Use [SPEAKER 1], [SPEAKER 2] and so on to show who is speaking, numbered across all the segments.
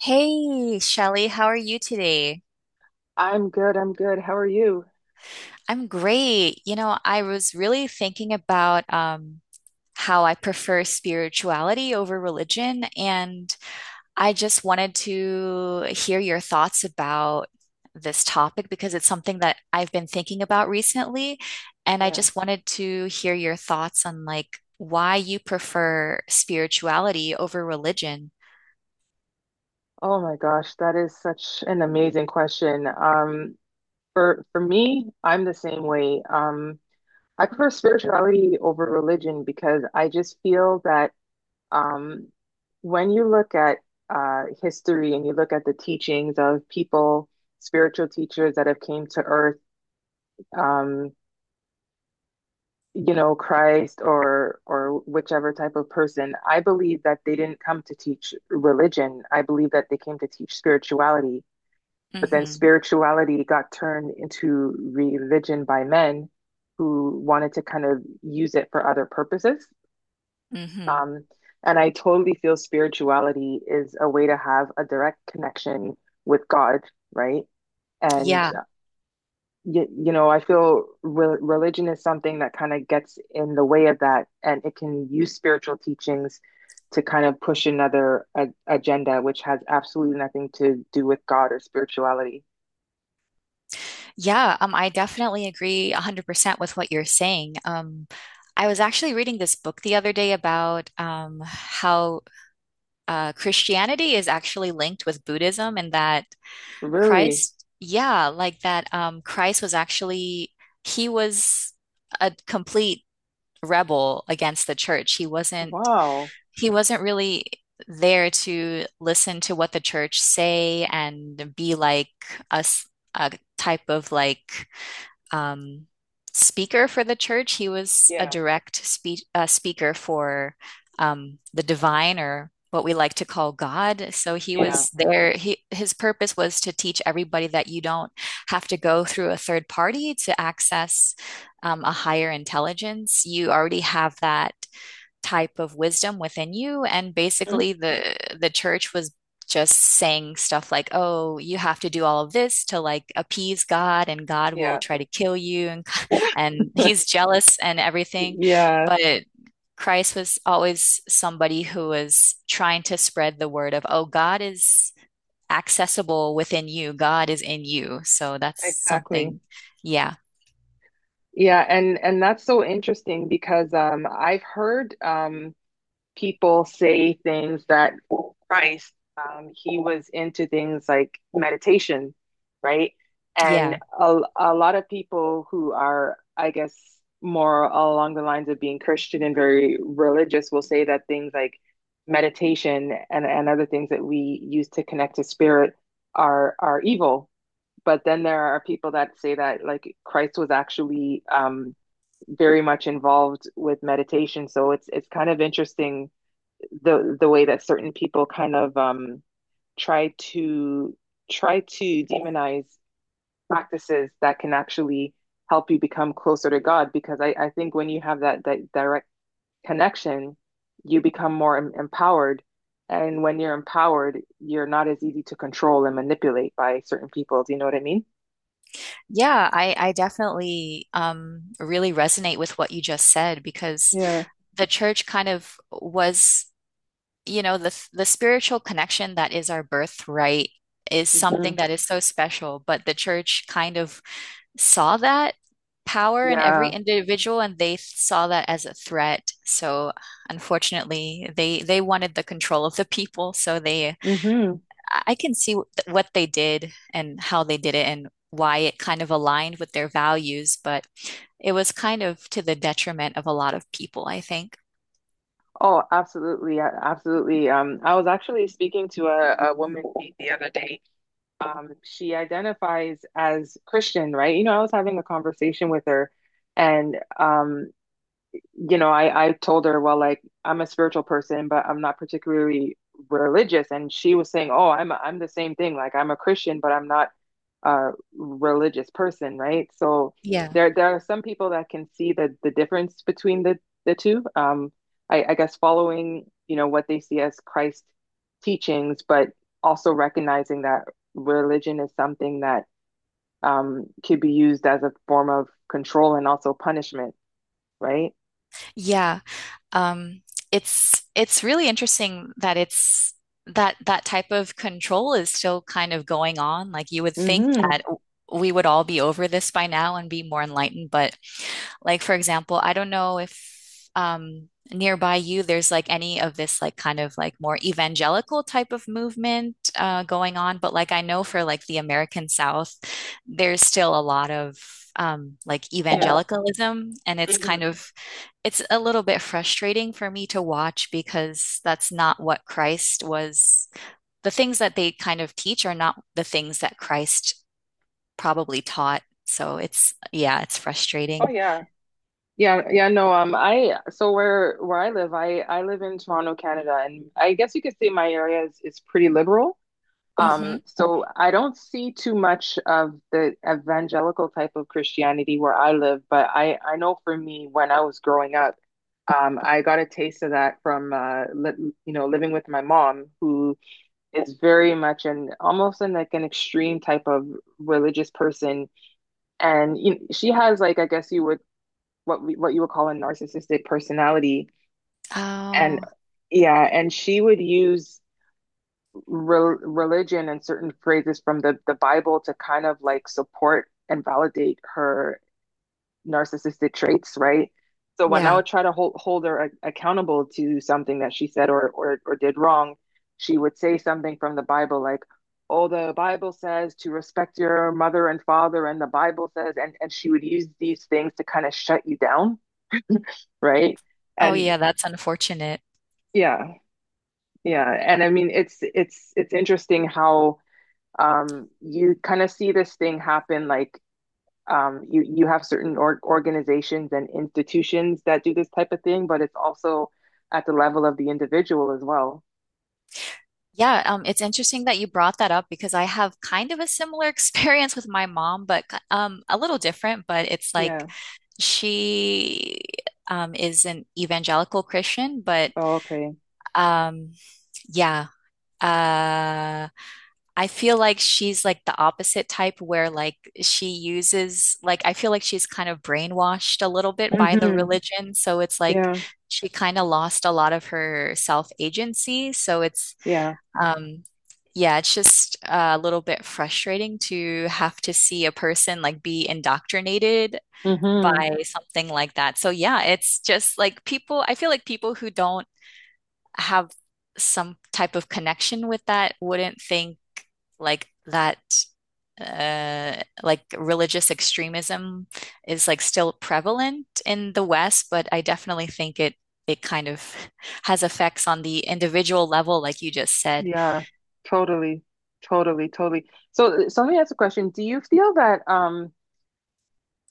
[SPEAKER 1] Hey, Shelly, how are you today?
[SPEAKER 2] I'm good. I'm good. How are you?
[SPEAKER 1] I'm great. I was really thinking about how I prefer spirituality over religion, and I just wanted to hear your thoughts about this topic because it's something that I've been thinking about recently, and I
[SPEAKER 2] Yeah.
[SPEAKER 1] just wanted to hear your thoughts on like why you prefer spirituality over religion.
[SPEAKER 2] Oh my gosh, that is such an amazing question. For me, I'm the same way. I prefer spirituality over religion because I just feel that um, when you look at history and you look at the teachings of people, spiritual teachers that have came to earth, um, Christ or whichever type of person, I believe that they didn't come to teach religion. I believe that they came to teach spirituality. But then
[SPEAKER 1] Mm-hmm.
[SPEAKER 2] spirituality got turned into religion by men who wanted to kind of use it for other purposes.
[SPEAKER 1] Mm-hmm.
[SPEAKER 2] Um, and I totally feel spirituality is a way to have a direct connection with God, right? And I feel re religion is something that kind of gets in the way of that, and it can use spiritual teachings to kind of push another a agenda, which has absolutely nothing to do with God or spirituality.
[SPEAKER 1] Yeah, I definitely agree 100% with what you're saying. I was actually reading this book the other day about how Christianity is actually linked with Buddhism and that
[SPEAKER 2] Really?
[SPEAKER 1] Christ, yeah, like that Christ was actually, he was a complete rebel against the church.
[SPEAKER 2] Wow.
[SPEAKER 1] He wasn't really there to listen to what the church say and be like us, a type of like, um, speaker for the church. He was a
[SPEAKER 2] Yeah.
[SPEAKER 1] direct speaker for the divine or what we like to call God. So he
[SPEAKER 2] Yeah.
[SPEAKER 1] was there. He, his purpose was to teach everybody that you don't have to go through a third party to access a higher intelligence. You already have that type of wisdom within you, and
[SPEAKER 2] Mm,
[SPEAKER 1] basically the church was just saying stuff like, oh, you have to do all of this to like appease God, and God will
[SPEAKER 2] Yeah.
[SPEAKER 1] try to kill you and he's jealous and everything,
[SPEAKER 2] Yes,
[SPEAKER 1] but Christ was always somebody who was trying to spread the word of, oh, God is accessible within you, God is in you, so that's
[SPEAKER 2] exactly.
[SPEAKER 1] something, yeah,
[SPEAKER 2] Yeah, and that's so interesting because I've heard people say things that Christ, he was into things like meditation, right? And
[SPEAKER 1] yeah.
[SPEAKER 2] a lot of people who are, I guess, more along the lines of being Christian and very religious will say that things like meditation and other things that we use to connect to spirit are evil. But then there are people that say that like Christ was actually very much involved with meditation. So it's kind of interesting the way that certain people kind of try to try to demonize practices that can actually help you become closer to God. Because I think when you have that direct connection, you become more empowered. And when you're empowered, you're not as easy to control and manipulate by certain people. Do you know what I mean?
[SPEAKER 1] Yeah, I definitely really resonate with what you just said because
[SPEAKER 2] Yeah.
[SPEAKER 1] the church kind of was, the spiritual connection that is our birthright is something
[SPEAKER 2] Hmm.
[SPEAKER 1] that is so special, but the church kind of saw that power in every
[SPEAKER 2] Yeah.
[SPEAKER 1] individual and they saw that as a threat. So unfortunately, they wanted the control of the people, so they,
[SPEAKER 2] Hmm.
[SPEAKER 1] I can see what they did and how they did it and why it kind of aligned with their values, but it was kind of to the detriment of a lot of people, I think.
[SPEAKER 2] Oh, absolutely. Absolutely. I was actually speaking to a woman the other day, she identifies as Christian, right? You know, I was having a conversation with her, and you know, I told her, well, like I'm a spiritual person, but I'm not particularly religious, and she was saying, oh, I'm the same thing. Like I'm a Christian, but I'm not a religious person, right? So
[SPEAKER 1] Yeah.
[SPEAKER 2] there are some people that can see the difference between the two. I guess following, you know, what they see as Christ teachings, but also recognizing that religion is something that could be used as a form of control and also punishment, right?
[SPEAKER 1] Yeah. Um, it's really interesting that it's that that type of control is still kind of going on. Like, you would think
[SPEAKER 2] Mm-hmm.
[SPEAKER 1] that we would all be over this by now and be more enlightened, but like for example, I don't know if nearby you there's like any of this like kind of like more evangelical type of movement going on, but like I know for like the American South, there's still a lot of like
[SPEAKER 2] Yeah.
[SPEAKER 1] evangelicalism and it's kind
[SPEAKER 2] Mhm.
[SPEAKER 1] of, it's a little bit frustrating for me to watch because that's not what Christ was. The things that they kind of teach are not the things that Christ probably taught. So it's, yeah, it's
[SPEAKER 2] Oh
[SPEAKER 1] frustrating.
[SPEAKER 2] yeah. Yeah, yeah, no, I so where I live, I live in Toronto, Canada, and I guess you could say my area is pretty liberal.
[SPEAKER 1] Hmm.
[SPEAKER 2] So I don't see too much of the evangelical type of Christianity where I live, but I know for me when I was growing up, I got a taste of that from li you know, living with my mom who is very much an almost an like an extreme type of religious person. She has like I guess you would what you would call a narcissistic personality and
[SPEAKER 1] Oh,
[SPEAKER 2] yeah and she would use religion and certain phrases from the Bible to kind of like support and validate her narcissistic traits, right? So when I
[SPEAKER 1] yeah.
[SPEAKER 2] would try to hold her accountable to something that she said, or did wrong, she would say something from the Bible like, oh, the Bible says to respect your mother and father and the Bible says, and she would use these things to kind of shut you down, right?
[SPEAKER 1] Oh,
[SPEAKER 2] And
[SPEAKER 1] yeah, that's unfortunate.
[SPEAKER 2] yeah, yeah. And I mean it's interesting how you kind of see this thing happen like you have certain organizations and institutions that do this type of thing, but it's also at the level of the individual as well.
[SPEAKER 1] Yeah, it's interesting that you brought that up because I have kind of a similar experience with my mom, but a little different. But it's like
[SPEAKER 2] Yeah.
[SPEAKER 1] she is an evangelical Christian, but
[SPEAKER 2] Oh, okay.
[SPEAKER 1] um, yeah. Uh, I feel like she's like the opposite type where like she uses, like I feel like she's kind of brainwashed a little bit by the
[SPEAKER 2] Mm-hmm.
[SPEAKER 1] religion, so it's like
[SPEAKER 2] Yeah.
[SPEAKER 1] she kind of lost a lot of her self-agency, so it's
[SPEAKER 2] Yeah.
[SPEAKER 1] um, yeah, it's just a little bit frustrating to have to see a person like be indoctrinated
[SPEAKER 2] Mm-hmm.
[SPEAKER 1] by something like that. So yeah, it's just like, people, I feel like people who don't have some type of connection with that wouldn't think like that, uh, like religious extremism is like still prevalent in the West, but I definitely think it kind of has effects on the individual level, like you just said.
[SPEAKER 2] Yeah. Totally. Totally, totally. So so let me ask a question. Do you feel that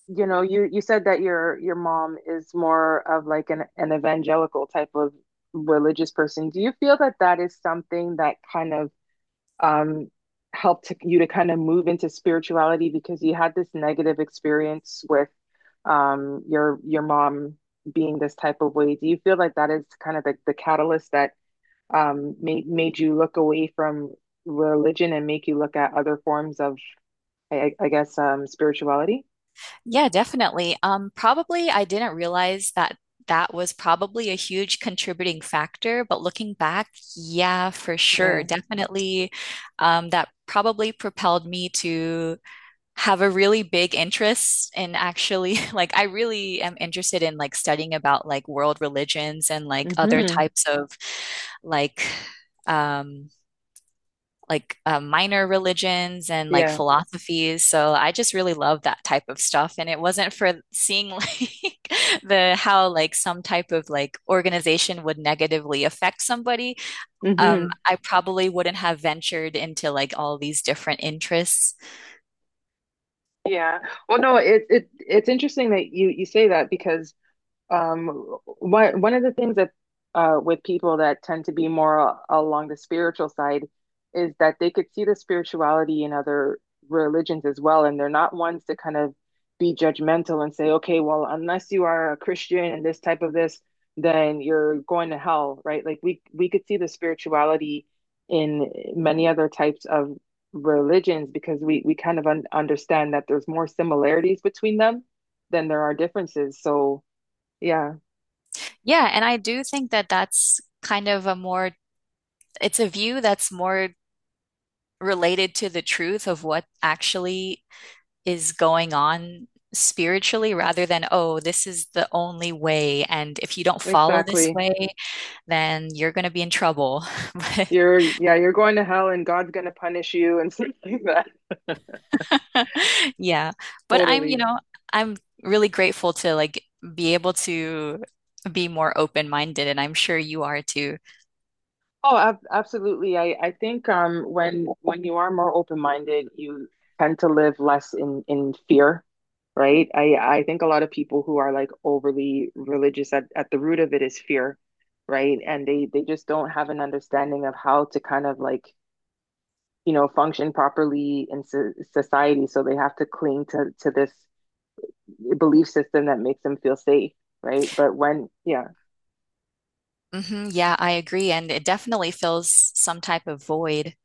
[SPEAKER 2] you know, you said that your mom is more of like an evangelical type of religious person. Do you feel that that is something that kind of um helped you to kind of move into spirituality because you had this negative experience with your mom being this type of way? Do you feel like that is kind of the catalyst that made made you look away from religion and make you look at other forms of I guess spirituality?
[SPEAKER 1] Yeah, definitely. Probably I didn't realize that that was probably a huge contributing factor, but looking back, yeah, for sure,
[SPEAKER 2] Yeah.
[SPEAKER 1] definitely, that probably propelled me to have a really big interest in actually like I really am interested in like studying about like world religions and like other
[SPEAKER 2] Hmm.
[SPEAKER 1] types of like um like minor religions and like
[SPEAKER 2] Yeah.
[SPEAKER 1] philosophies. So I just really love that type of stuff. And it wasn't for seeing like the, how like some type of like organization would negatively affect somebody.
[SPEAKER 2] Hmm.
[SPEAKER 1] I probably wouldn't have ventured into like all these different interests.
[SPEAKER 2] Yeah. Well, no, it's interesting that you say that because Um, one one of the things that with people that tend to be more along the spiritual side is that they could see the spirituality in other religions as well, and they're not ones to kind of be judgmental and say, okay, well, unless you are a Christian and this type of this, then you're going to hell, right? Like we could see the spirituality in many other types of religions because we kind of un understand that there's more similarities between them than there are differences. So yeah,
[SPEAKER 1] Yeah, and I do think that that's kind of a more, it's a view that's more related to the truth of what actually is going on spiritually, rather than, oh, this is the only way. And if you don't follow this
[SPEAKER 2] exactly.
[SPEAKER 1] way, then you're going to be in trouble.
[SPEAKER 2] You're, yeah, you're going to hell and God's going to punish you and stuff like that.
[SPEAKER 1] But yeah, but I'm,
[SPEAKER 2] Totally.
[SPEAKER 1] I'm really grateful to like be able to be more open-minded, and I'm sure you are too.
[SPEAKER 2] Oh, ab absolutely. I think when you are more open-minded, you tend to live less in fear, right? I think a lot of people who are like overly religious at the root of it is fear, right? And they just don't have an understanding of how to kind of like, you know, function properly in so society, so they have to cling to this belief system that makes them feel safe, right? But when, yeah,
[SPEAKER 1] Hmm, yeah, I agree. And it definitely fills some type of void.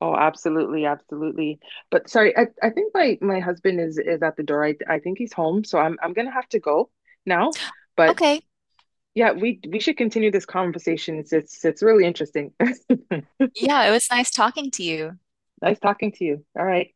[SPEAKER 2] oh, absolutely, absolutely. But sorry, I think my husband is at the door. I think he's home, so I'm gonna have to go now. But
[SPEAKER 1] Okay.
[SPEAKER 2] yeah, we should continue this conversation. It's really interesting.
[SPEAKER 1] Yeah, it was nice talking to you.
[SPEAKER 2] Nice talking to you. All right.